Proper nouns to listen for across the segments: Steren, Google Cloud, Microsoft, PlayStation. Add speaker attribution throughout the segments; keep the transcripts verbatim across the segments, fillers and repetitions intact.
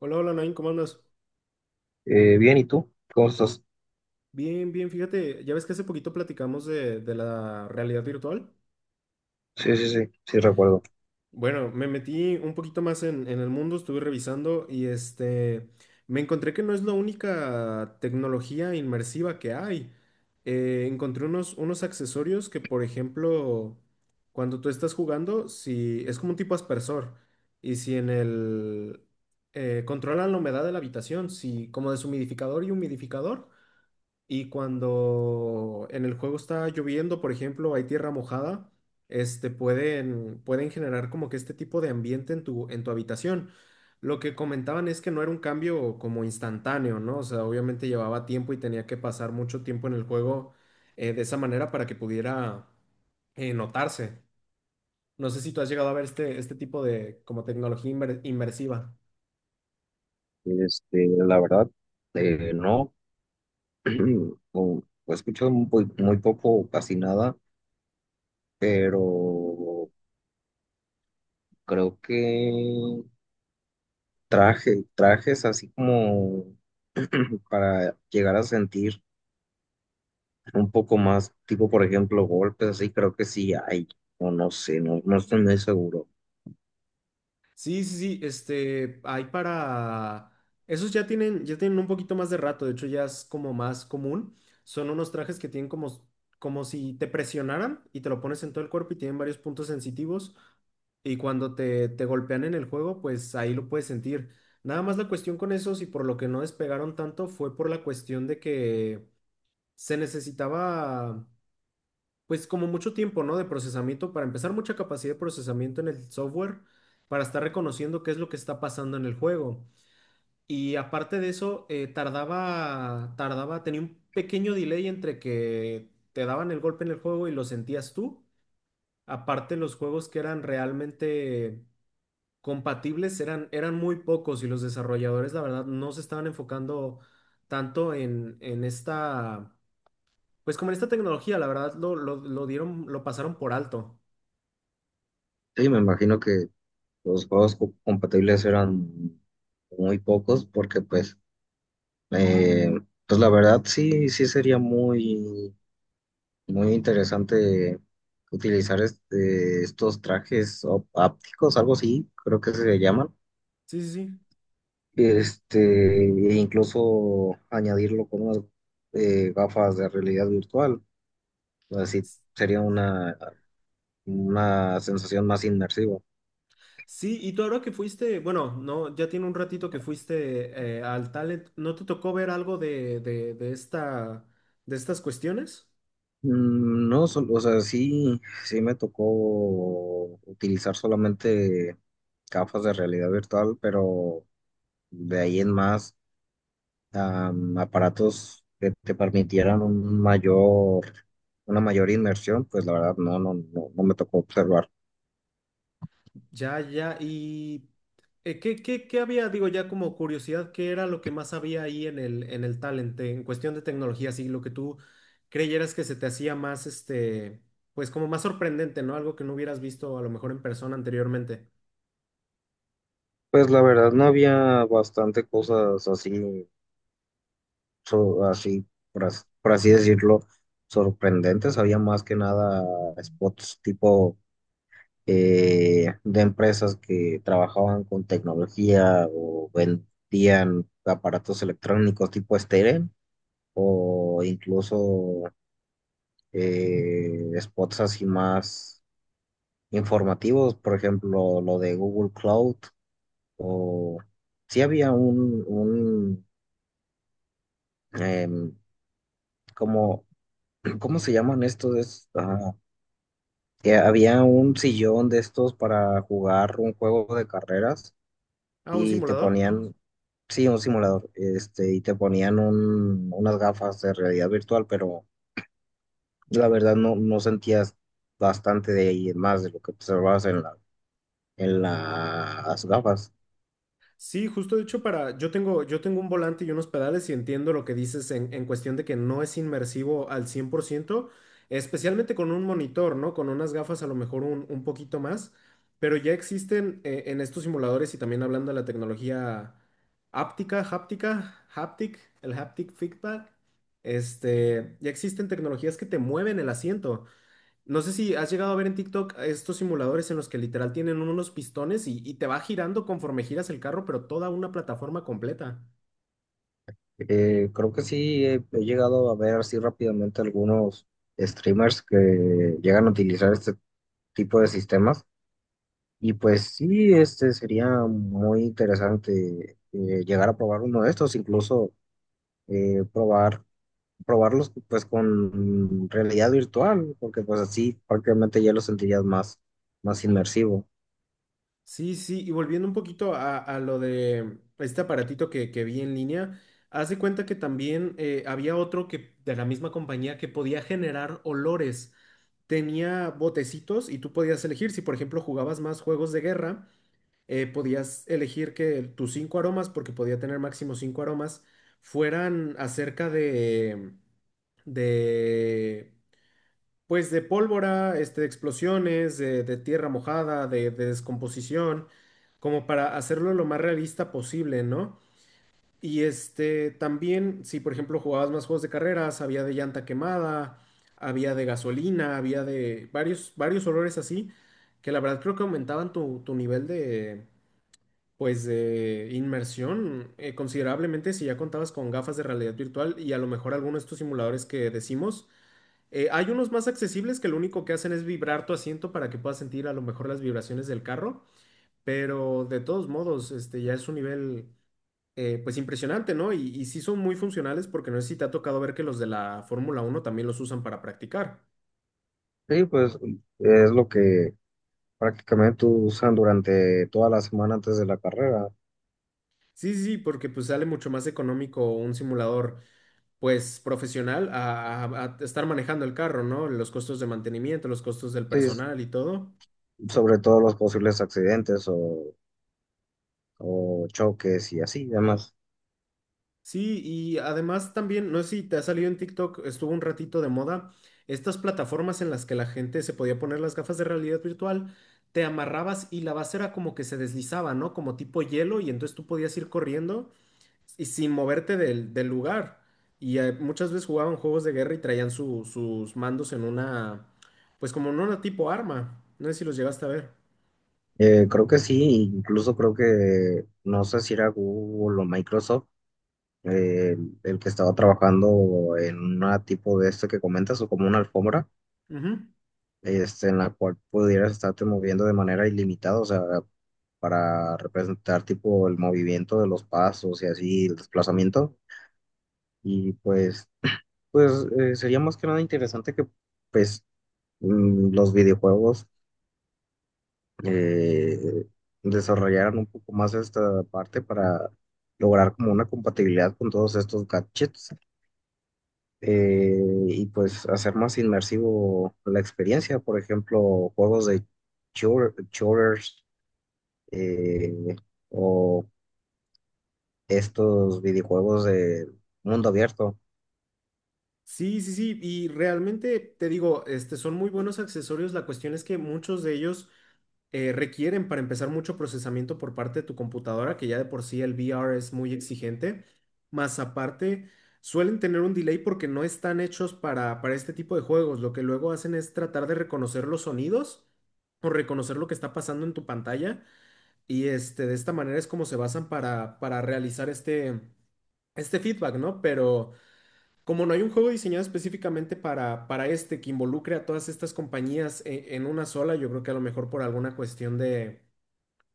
Speaker 1: Hola, hola, Nain, ¿cómo andas?
Speaker 2: Eh, bien, ¿y tú? ¿Cómo estás?
Speaker 1: Bien, bien, fíjate, ya ves que hace poquito platicamos de, de la realidad virtual.
Speaker 2: Sí, sí, sí, sí recuerdo.
Speaker 1: Bueno, me metí un poquito más en, en el mundo, estuve revisando y este, me encontré que no es la única tecnología inmersiva que hay. Eh, encontré unos, unos accesorios que, por ejemplo, cuando tú estás jugando, si es como un tipo aspersor y si en el... eh, controlan la humedad de la habitación, si como deshumidificador y humidificador. Y cuando en el juego está lloviendo, por ejemplo, hay tierra mojada, este, pueden, pueden generar como que este tipo de ambiente en tu, en tu habitación. Lo que comentaban es que no era un cambio como instantáneo, ¿no? O sea, obviamente llevaba tiempo y tenía que pasar mucho tiempo en el juego eh, de esa manera para que pudiera eh, notarse. No sé si tú has llegado a ver este, este tipo de como tecnología inmer- inmersiva.
Speaker 2: Este, la verdad, eh, no, o- he escuchado muy, muy poco, o casi nada, pero creo que traje, trajes así como para llegar a sentir un poco más, tipo, por ejemplo, golpes, así creo que sí hay, o no sé, no, no estoy muy seguro.
Speaker 1: Sí, sí, sí, este, hay para... Esos ya tienen, ya tienen un poquito más de rato, de hecho ya es como más común. Son unos trajes que tienen como, como si te presionaran y te lo pones en todo el cuerpo y tienen varios puntos sensitivos y cuando te, te golpean en el juego, pues ahí lo puedes sentir. Nada más la cuestión con esos y por lo que no despegaron tanto fue por la cuestión de que se necesitaba pues como mucho tiempo, ¿no? De procesamiento, para empezar, mucha capacidad de procesamiento en el software, para estar reconociendo qué es lo que está pasando en el juego. Y aparte de eso, eh, tardaba, tardaba, tenía un pequeño delay entre que te daban el golpe en el juego y lo sentías tú. Aparte, los juegos que eran realmente compatibles eran, eran muy pocos y los desarrolladores, la verdad, no se estaban enfocando tanto en, en esta, pues como en esta tecnología, la verdad, lo, lo lo dieron, lo pasaron por alto.
Speaker 2: Sí, me imagino que los juegos co- compatibles eran muy pocos porque pues Eh, pues la verdad sí, sí sería muy, muy interesante utilizar este, estos trajes op- ápticos, algo así, creo que se llaman.
Speaker 1: Sí, sí, sí.
Speaker 2: Este, E incluso añadirlo con unas eh, gafas de realidad virtual. Así sería una, una sensación más inmersiva.
Speaker 1: Sí, y tú ahora que fuiste, bueno, no, ya tiene un ratito que fuiste eh, al Talent, ¿no te tocó ver algo de, de, de esta, de estas cuestiones?
Speaker 2: Mm, No, sol- o sea, sí, sí me tocó utilizar solamente gafas de realidad virtual, pero de ahí en más, am, aparatos que te permitieran un mayor, una mayor inmersión, pues la verdad no, no, no, no me tocó observar.
Speaker 1: Ya, ya, y eh, ¿qué, qué, qué había? Digo, ya como curiosidad, ¿qué era lo que más había ahí en el, en el Talent, eh, en cuestión de tecnología, así lo que tú creyeras que se te hacía más, este, pues como más sorprendente, ¿no? Algo que no hubieras visto a lo mejor en persona anteriormente.
Speaker 2: Pues la verdad no había bastante cosas así, so- así, por as- por así decirlo, sorprendentes. Había más que nada spots tipo eh, de empresas que trabajaban con tecnología o vendían aparatos electrónicos tipo Steren o incluso eh, spots así más informativos, por ejemplo, lo de Google Cloud, o sí había un, un em, como, ¿cómo se llaman estos? Es, ah, que había un sillón de estos para jugar un juego de carreras
Speaker 1: Ah, un
Speaker 2: y te
Speaker 1: simulador.
Speaker 2: ponían, sí, un simulador, este, y te ponían un- unas gafas de realidad virtual, pero la verdad no, no sentías bastante de ahí, más de lo que observabas en la en las gafas.
Speaker 1: Sí, justo de hecho para, yo tengo, yo tengo un volante y unos pedales y entiendo lo que dices en, en cuestión de que no es inmersivo al cien por ciento, especialmente con un monitor, ¿no? Con unas gafas a lo mejor un, un poquito más, pero ya existen eh, en estos simuladores y también hablando de la tecnología áptica, háptica, haptic, el haptic feedback, este, ya existen tecnologías que te mueven el asiento. No sé si has llegado a ver en TikTok estos simuladores en los que literal tienen unos pistones y, y te va girando conforme giras el carro, pero toda una plataforma completa.
Speaker 2: Eh, creo que sí he, he llegado a ver así rápidamente algunos streamers que llegan a utilizar este tipo de sistemas y pues sí, este sería muy interesante eh, llegar a probar uno de estos, incluso eh, probar probarlos pues con realidad virtual, porque pues así prácticamente ya lo sentirías más más inmersivo.
Speaker 1: Sí, sí, y volviendo un poquito a, a lo de este aparatito que, que vi en línea, haz de cuenta que también eh, había otro que de la misma compañía que podía generar olores. Tenía botecitos y tú podías elegir si, por ejemplo, jugabas más juegos de guerra. eh, podías elegir que tus cinco aromas, porque podía tener máximo cinco aromas, fueran acerca de, de, pues de pólvora, este, de explosiones, de, de tierra mojada, de, de descomposición, como para hacerlo lo más realista posible, ¿no? Y este, también, si por ejemplo jugabas más juegos de carreras, había de llanta quemada, había de gasolina, había de varios, varios olores así, que la verdad creo que aumentaban tu, tu nivel de, pues de inmersión eh, considerablemente si ya contabas con gafas de realidad virtual y a lo mejor algunos de estos simuladores que decimos. Eh, hay unos más accesibles que lo único que hacen es vibrar tu asiento para que puedas sentir a lo mejor las vibraciones del carro, pero de todos modos, este ya es un nivel eh, pues impresionante, ¿no? Y, y sí son muy funcionales porque no sé si te ha tocado ver que los de la Fórmula uno también los usan para practicar.
Speaker 2: Sí, pues es lo que prácticamente usan durante toda la semana antes de la carrera.
Speaker 1: Sí, sí, sí, porque pues sale mucho más económico un simulador pues profesional a, a- a estar manejando el carro, ¿no? Los costos de mantenimiento, los costos del
Speaker 2: Sí, es
Speaker 1: personal y todo.
Speaker 2: sobre todos los posibles accidentes o, o choques y así, además.
Speaker 1: Sí, y además también, no sé si te ha salido en TikTok, estuvo un ratito de moda, estas plataformas en las que la gente se podía poner las gafas de realidad virtual, te amarrabas y la base era como que se deslizaba, ¿no? Como tipo hielo y entonces tú podías ir corriendo y sin moverte del, del lugar. Y eh, muchas veces jugaban juegos de guerra y traían su- sus mandos en una, pues como en una tipo arma. No sé si los llegaste a ver.
Speaker 2: Eh, creo que sí, incluso creo que, no sé si era Google o Microsoft, eh, el, que estaba trabajando en una tipo de esto que comentas, o como una alfombra,
Speaker 1: Ujú.
Speaker 2: este, en la cual pudieras estarte moviendo de manera ilimitada, o sea, para representar tipo el movimiento de los pasos y así, el desplazamiento. Y pues, pues eh, sería más que nada interesante que pues mm, los videojuegos eh, desarrollaran un poco más esta parte para lograr como una compatibilidad con todos estos gadgets eh, y pues hacer más inmersivo la experiencia, por ejemplo, juegos de shooter- shooters eh, o estos videojuegos de mundo abierto.
Speaker 1: Sí, sí, sí, y realmente te digo, este, son muy buenos accesorios. La cuestión es que muchos de ellos eh, requieren para empezar mucho procesamiento por parte de tu computadora, que ya de por sí el V R es muy exigente. Más aparte, suelen tener un delay porque no están hechos para, para este tipo de juegos. Lo que luego hacen es tratar de reconocer los sonidos o reconocer lo que está pasando en tu pantalla. Y este, de esta manera es como se basan para, para realizar este, este feedback, ¿no? Pero. Como no hay un juego diseñado específicamente para, para este que involucre a todas estas compañías e- en, una sola, yo creo que a lo mejor por alguna cuestión de,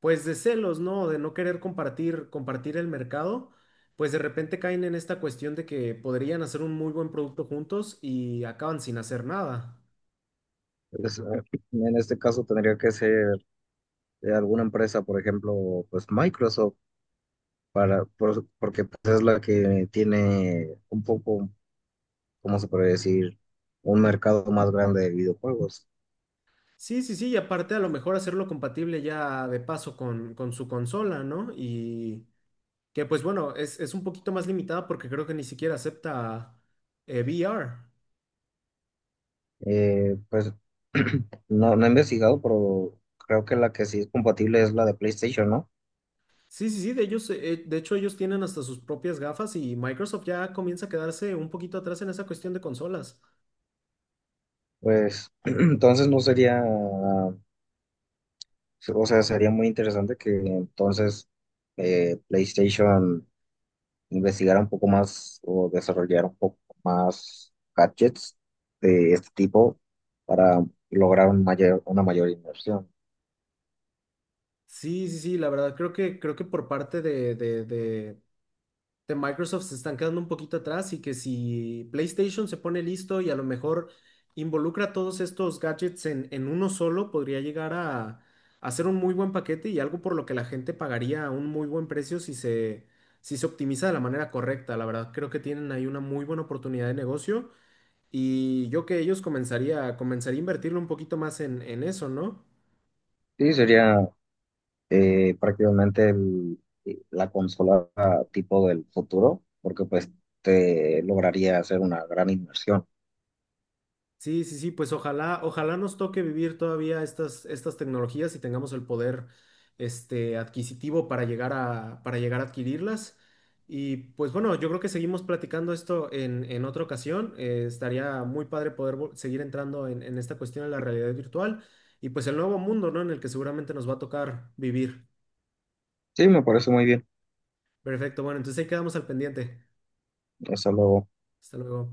Speaker 1: pues de celos, ¿no? De no querer compartir, compartir el mercado, pues de repente caen en esta cuestión de que podrían hacer un muy buen producto juntos y acaban sin hacer nada.
Speaker 2: Entonces, en este caso tendría que ser de alguna empresa, por ejemplo, pues Microsoft para, por- porque pues, es la que tiene un poco, ¿cómo se puede decir? Un mercado más grande de videojuegos.
Speaker 1: Sí, sí, sí, y aparte a lo mejor hacerlo compatible ya de paso con, con su consola, ¿no? Y que pues bueno, es, es un poquito más limitada porque creo que ni siquiera acepta eh, V R.
Speaker 2: Eh, pues no, no he investigado, pero creo que la que sí es compatible es la de PlayStation, ¿no?
Speaker 1: Sí, sí, sí, de ellos, eh, de hecho ellos tienen hasta sus propias gafas y Microsoft ya comienza a quedarse un poquito atrás en esa cuestión de consolas.
Speaker 2: Pues entonces no sería, o sea, sería muy interesante que entonces eh, PlayStation investigar un poco más o desarrollar un poco más gadgets de este tipo para lograr un mayor, una mayor inversión.
Speaker 1: Sí, sí, sí, la verdad creo que creo que por parte de, de, de, de Microsoft se están quedando un poquito atrás y que si PlayStation se pone listo y a lo mejor involucra todos estos gadgets en, en uno solo, podría llegar a, a ser un muy buen paquete y algo por lo que la gente pagaría un muy buen precio si se, si se optimiza de la manera correcta. La verdad creo que tienen ahí una muy buena oportunidad de negocio. Y yo que ellos comenzaría, comenzaría a invertirle un poquito más en, en eso, ¿no?
Speaker 2: Sí, sería eh, prácticamente el- eh, la consola tipo del futuro, porque pues te lograría hacer una gran inversión.
Speaker 1: Sí, sí, sí, pues ojalá, ojalá nos toque vivir todavía estas, estas tecnologías y tengamos el poder este, adquisitivo para llegar a, para llegar a adquirirlas. Y pues bueno, yo creo que seguimos platicando esto en, en otra ocasión. Eh, estaría muy padre poder vol- seguir entrando en, en esta cuestión de la realidad virtual y pues el nuevo mundo, ¿no? En el que seguramente nos va a tocar vivir.
Speaker 2: Sí, me parece muy bien.
Speaker 1: Perfecto, bueno, entonces ahí quedamos al pendiente.
Speaker 2: Hasta luego.
Speaker 1: Hasta luego.